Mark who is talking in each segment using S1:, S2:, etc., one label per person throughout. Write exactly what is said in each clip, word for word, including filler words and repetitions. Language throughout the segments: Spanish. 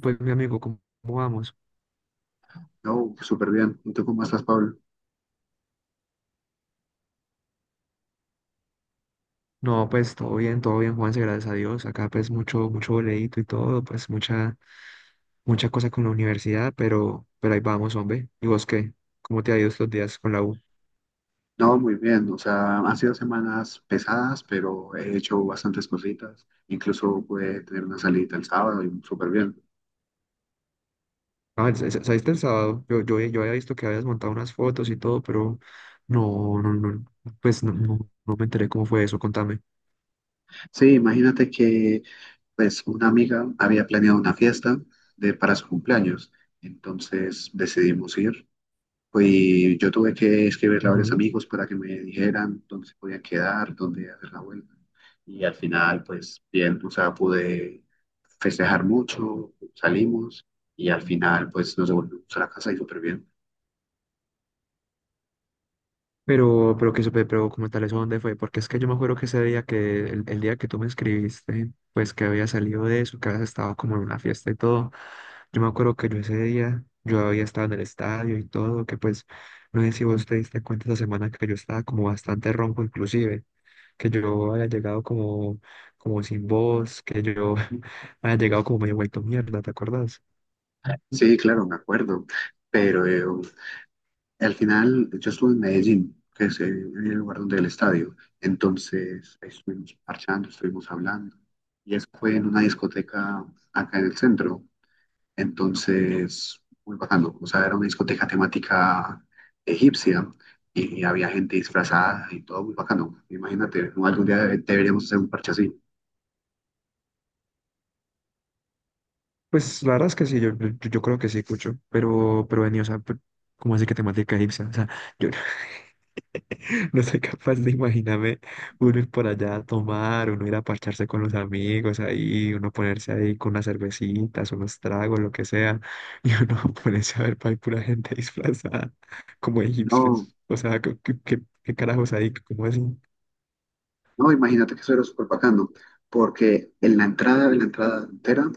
S1: Pues mi amigo, ¿cómo cómo vamos?
S2: No, súper bien. ¿Y tú cómo estás, Pablo?
S1: No, pues todo bien, todo bien, Juanse, gracias a Dios. Acá pues mucho, mucho boleíto y todo, pues mucha, mucha cosa con la universidad, pero, pero ahí vamos, hombre. ¿Y vos qué? ¿Cómo te ha ido estos días con la U?
S2: No, muy bien. O sea, han sido semanas pesadas, pero he hecho bastantes cositas. Incluso pude tener una salida el sábado y súper bien.
S1: Ah, sa- sa- saliste el sábado. Yo, yo, yo había visto que habías montado unas fotos y todo, pero no, no, no, pues no, no, no me enteré cómo fue eso, contame.
S2: Sí, imagínate que pues una amiga había planeado una fiesta de, para su cumpleaños. Entonces decidimos ir. Pues yo tuve que escribirle a varios amigos para que me dijeran dónde se podía quedar, dónde hacer la vuelta. Y al final, pues bien, o sea, pude festejar mucho, salimos y al final, pues nos devolvimos a la casa y súper bien.
S1: Pero, pero que supe, pero como tal, ¿eso dónde fue? Porque es que yo me acuerdo que ese día que, el, el día que tú me escribiste, pues que había salido de eso, que habías estado como en una fiesta y todo, yo me acuerdo que yo ese día, yo había estado en el estadio y todo, que pues, no sé si vos te diste cuenta esa semana que yo estaba como bastante ronco inclusive, que yo había llegado como, como sin voz, que yo había llegado como medio vuelto mierda, ¿te acuerdas?
S2: Sí, claro, me acuerdo, pero eh, al final yo estuve en Medellín, que es eh, el lugar donde el estadio. Entonces ahí estuvimos parchando, estuvimos hablando. Y eso fue en una discoteca acá en el centro. Entonces, muy bacano. O sea, era una discoteca temática egipcia y había gente disfrazada y todo muy bacano. Imagínate, ¿no? Algún día deberíamos hacer un parche así.
S1: Pues la verdad es que sí, yo, yo, yo creo que sí, Cucho, pero, pero venía, o sea, pe- como así que temática egipcia, o sea, yo, no soy capaz de imaginarme uno ir por allá a tomar, uno ir a parcharse con los amigos ahí, uno ponerse ahí con unas cervecitas, unos tragos, lo que sea, y uno ponerse a ver para pura gente disfrazada como
S2: No,
S1: egipcios. O sea, ¿qué, qué, qué- qué carajos ahí? ¿Cómo así?
S2: no, imagínate que eso era súper bacano, porque en la entrada, en la entrada entera,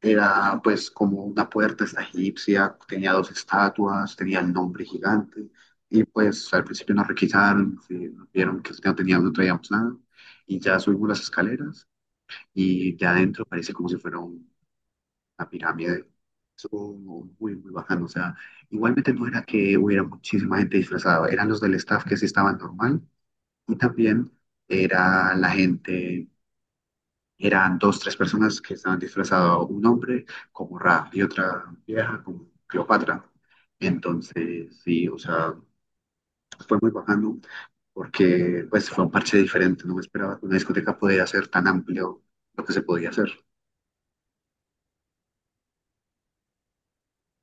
S2: era pues como una puerta esta egipcia, tenía dos estatuas, tenía el nombre gigante. Y pues al principio nos requisaron, sí, nos vieron que no teníamos, no traíamos nada. Y ya subimos las escaleras y de adentro parece como si fuera un- una pirámide. Estuvo muy, muy bajando. O sea, igualmente no era que hubiera muchísima gente disfrazada, eran los del staff que sí estaban normal y también era la gente, eran dos, tres personas que estaban disfrazados, un hombre como Ra y otra vieja como Cleopatra. Entonces, sí, o sea, fue muy bajando porque pues fue un parche diferente, no me esperaba que una discoteca podía ser tan amplio lo que se podía hacer.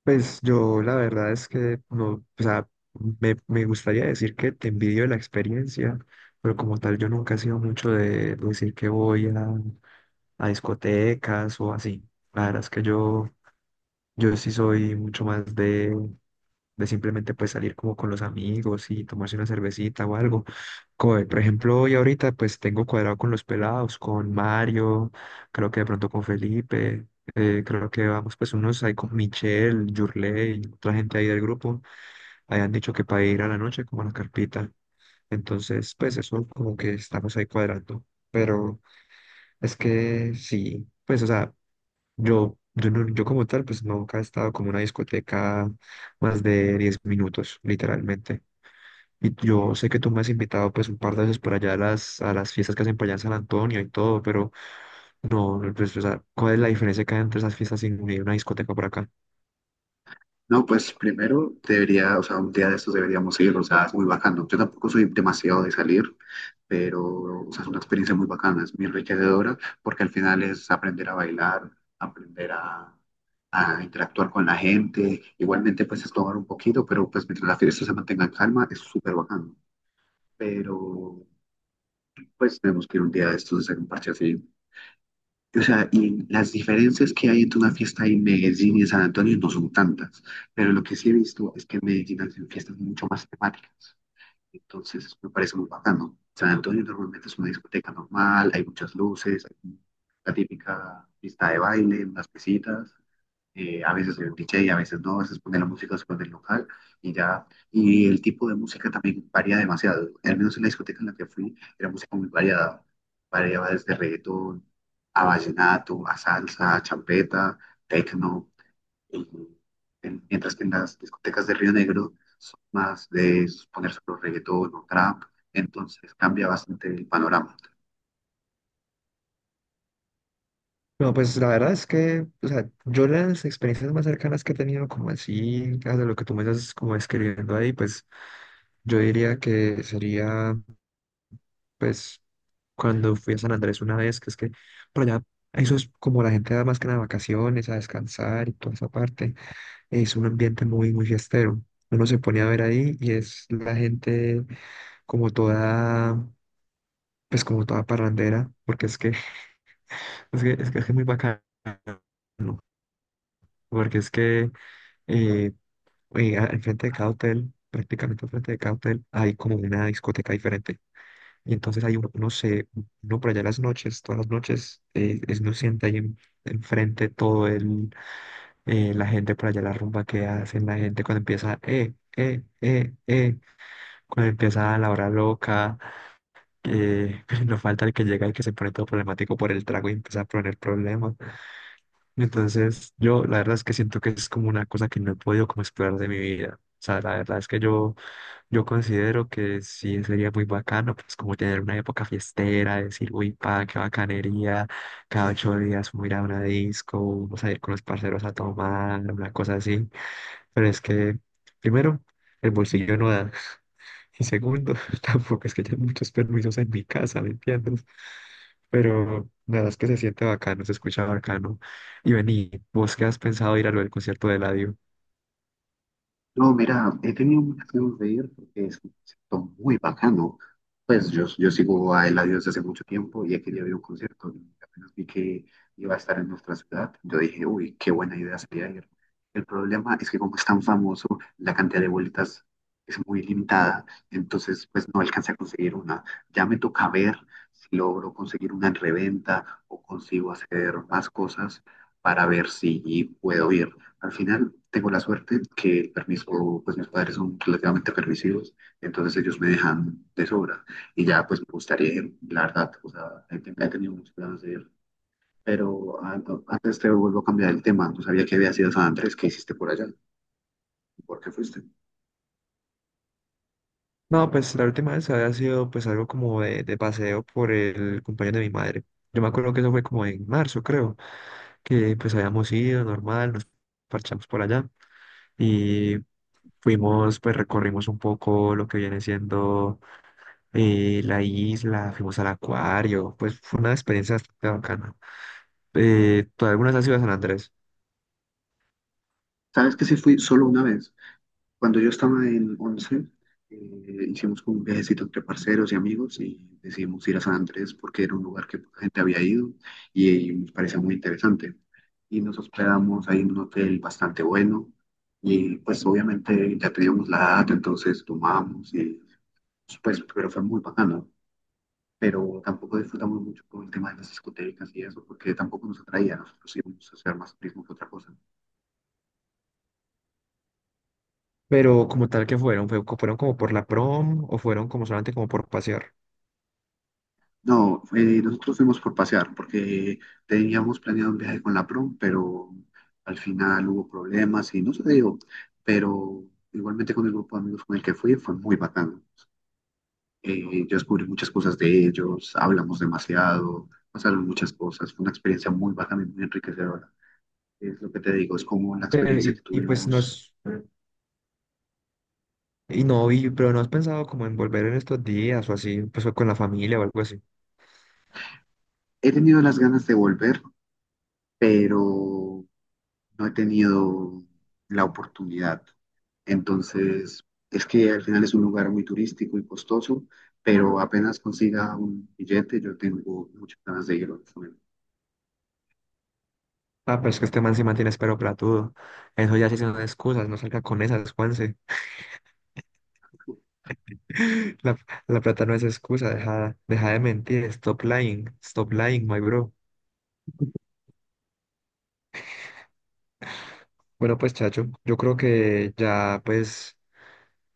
S1: Pues yo la verdad es que no, o sea, me, me gustaría decir que te envidio de la experiencia, pero como tal yo nunca he sido mucho de decir que voy a, a discotecas o así. La verdad es que yo... Yo sí soy mucho más de, de simplemente pues salir como con los amigos y tomarse una cervecita o algo. Como por ejemplo, hoy ahorita pues tengo cuadrado con los pelados, con Mario, creo que de pronto con Felipe, eh, creo que vamos pues unos ahí con Michelle, Yurley, otra gente ahí del grupo, hayan dicho que para ir a la noche como a la carpita. Entonces pues eso como que estamos ahí cuadrando. Pero es que sí, pues o sea... Yo, yo, no- yo como tal, pues nunca he estado como en una discoteca más de diez minutos, literalmente. Y yo sé que tú me has invitado pues un par de veces por allá a las, a las fiestas que hacen por allá en San Antonio y todo, pero no, no, pues, o sea, ¿cuál es la diferencia que hay entre esas fiestas y y una discoteca por acá?
S2: No, pues primero debería, o sea, un día de estos deberíamos ir, o sea, es muy bacano. Yo tampoco soy demasiado de salir, pero, o sea, es una experiencia muy bacana, es muy enriquecedora, porque al final es aprender a bailar, aprender a, a interactuar con la gente. Igualmente, pues es tomar un poquito, pero pues mientras la fiesta se mantenga en calma, es súper bacano. Pero, pues tenemos que ir un día de estos a hacer un parche así. O sea, y las diferencias que hay entre una fiesta en Medellín y en San Antonio no son tantas, pero lo que sí he visto es que en Medellín hacen fiestas mucho más temáticas, entonces me parece muy bacano. San Antonio normalmente es una discoteca normal, hay muchas luces, hay la típica pista de baile, unas mesitas, eh, a veces soy un D J, a veces no, a veces ponen la música después del local y ya. Y el tipo de música también varía demasiado. Al menos en la discoteca en la que fui, era música muy variada. Variaba desde reggaetón a vallenato, a salsa, a champeta, tecno. Y- en- Mientras que en las discotecas de Río Negro son más de poner solo reggaetón o trap. Entonces cambia bastante el panorama.
S1: No, pues la verdad es que, o sea, yo las experiencias más cercanas que he tenido, como así, de lo que tú me estás como describiendo ahí, pues yo diría que sería pues cuando fui a San Andrés una vez, que es que por allá, eso es como la gente da más que nada vacaciones, a descansar y toda esa parte, es un ambiente muy, muy fiestero. Uno se pone a ver ahí y es la gente como toda, pues como toda parrandera, porque es que es que es, que es muy bacano, porque es que eh, eh, a- al frente de cada hotel, prácticamente al frente de cada hotel, hay como una discoteca diferente. Y entonces ahí uno, uno se, uno por allá en las noches, todas las noches, eh, es uno siente ahí en- enfrente todo el, eh, la gente por allá, la rumba que hacen, la gente cuando empieza, eh, eh, eh, eh, cuando empieza la hora loca, eh, no falta el que llega y que se pone todo problemático por el trago y empieza a poner problemas. Entonces yo la verdad es que siento que es como una cosa que no he podido como explorar de mi vida. O sea, la verdad es que yo yo considero que sí sería muy bacano, pues como tener una época fiestera, decir, uy, pa, qué bacanería, cada ocho días vamos a ir a una disco, vamos a ir con los parceros a tomar, una cosa así. Pero es que, primero, el bolsillo no da, y segundo, tampoco es que haya muchos permisos en mi casa, ¿me entiendes? Pero nada, es que se siente bacano, se escucha bacano. Y vení, ¿vos qué has pensado ir a lo del concierto de la...
S2: No, mira, he tenido muchas ganas de ir porque es un concierto muy bacano. Pues yo, yo sigo a Eladio desde hace mucho tiempo y aquel día vi un concierto y apenas vi que iba a estar en nuestra ciudad. Yo dije, uy, qué buena idea sería ir. El problema es que como es tan famoso, la cantidad de vueltas es muy limitada, entonces pues no alcancé a conseguir una. Ya me toca ver si logro conseguir una en reventa o consigo hacer más cosas para ver si puedo ir. Al final tengo la suerte que el permiso, pues mis padres son relativamente permisivos, entonces ellos me dejan de sobra. Y ya pues me gustaría, la verdad, o sea, he ten- he tenido muchos planes de ir. Pero ah, no, antes te vuelvo a cambiar el tema, no sabía que había sido San Andrés, ¿qué hiciste por allá? ¿Por qué fuiste?
S1: No, pues la última vez había sido pues algo como de, de paseo por el compañero de mi madre. Yo me acuerdo que eso fue como en marzo, creo, que pues habíamos ido normal, nos parchamos por allá y fuimos, pues recorrimos un poco lo que viene siendo eh, la isla, fuimos al acuario, pues fue una experiencia bastante bacana. Eh, to- algunas han sido a San Andrés,
S2: ¿Sabes que sí fui solo una vez? Cuando yo estaba en once, eh, hicimos como un viajecito entre parceros y amigos y decidimos ir a San Andrés porque era un lugar que poca gente había ido y, y nos parecía muy interesante. Y nos hospedamos ahí en un hotel bastante bueno y pues obviamente ya teníamos la edad, entonces tomamos y pues pero fue muy bacano. Pero tampoco disfrutamos mucho con el tema de las discotecas y eso porque tampoco nos atraía, nosotros íbamos a hacer más turismo que otra cosa.
S1: pero como tal que fueron, fue, co- fueron como por la prom o fueron como solamente como por pasear.
S2: No, eh, nosotros fuimos por pasear porque teníamos planeado un viaje con la prom, pero al final hubo problemas y no se dio. Pero igualmente con el grupo de amigos con el que fui fue muy bacano. Eh, yo descubrí muchas cosas de ellos, hablamos demasiado, pasaron muchas cosas. Fue una experiencia muy bacana y muy enriquecedora. Es lo que te digo, es como la experiencia
S1: Eh,
S2: que
S1: y, y, pues
S2: tuvimos.
S1: nos, Y no, y, pero no has pensado como en volver en estos días o así, pues o con la familia o algo así.
S2: He tenido las ganas de volver, pero no he tenido la oportunidad. Entonces, es que al final es un lugar muy turístico y costoso, pero apenas consiga un billete, yo tengo muchas ganas de ir, honestamente.
S1: Ah, pero es que este man se mantiene espero platudo. Eso ya sí son excusas, no salga con esas, Juanse. La, la plata no es excusa, deja, deja de mentir, stop lying, stop lying, my bro. Bueno, pues chacho, yo creo que ya pues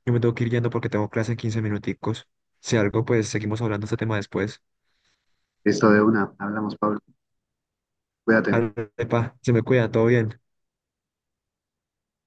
S1: yo me tengo que ir yendo porque tengo clase en quince minuticos. Si algo, pues seguimos hablando de este tema después.
S2: Listo, de una, hablamos, Pablo, cuídate.
S1: Ale, pa, se me cuida, todo bien.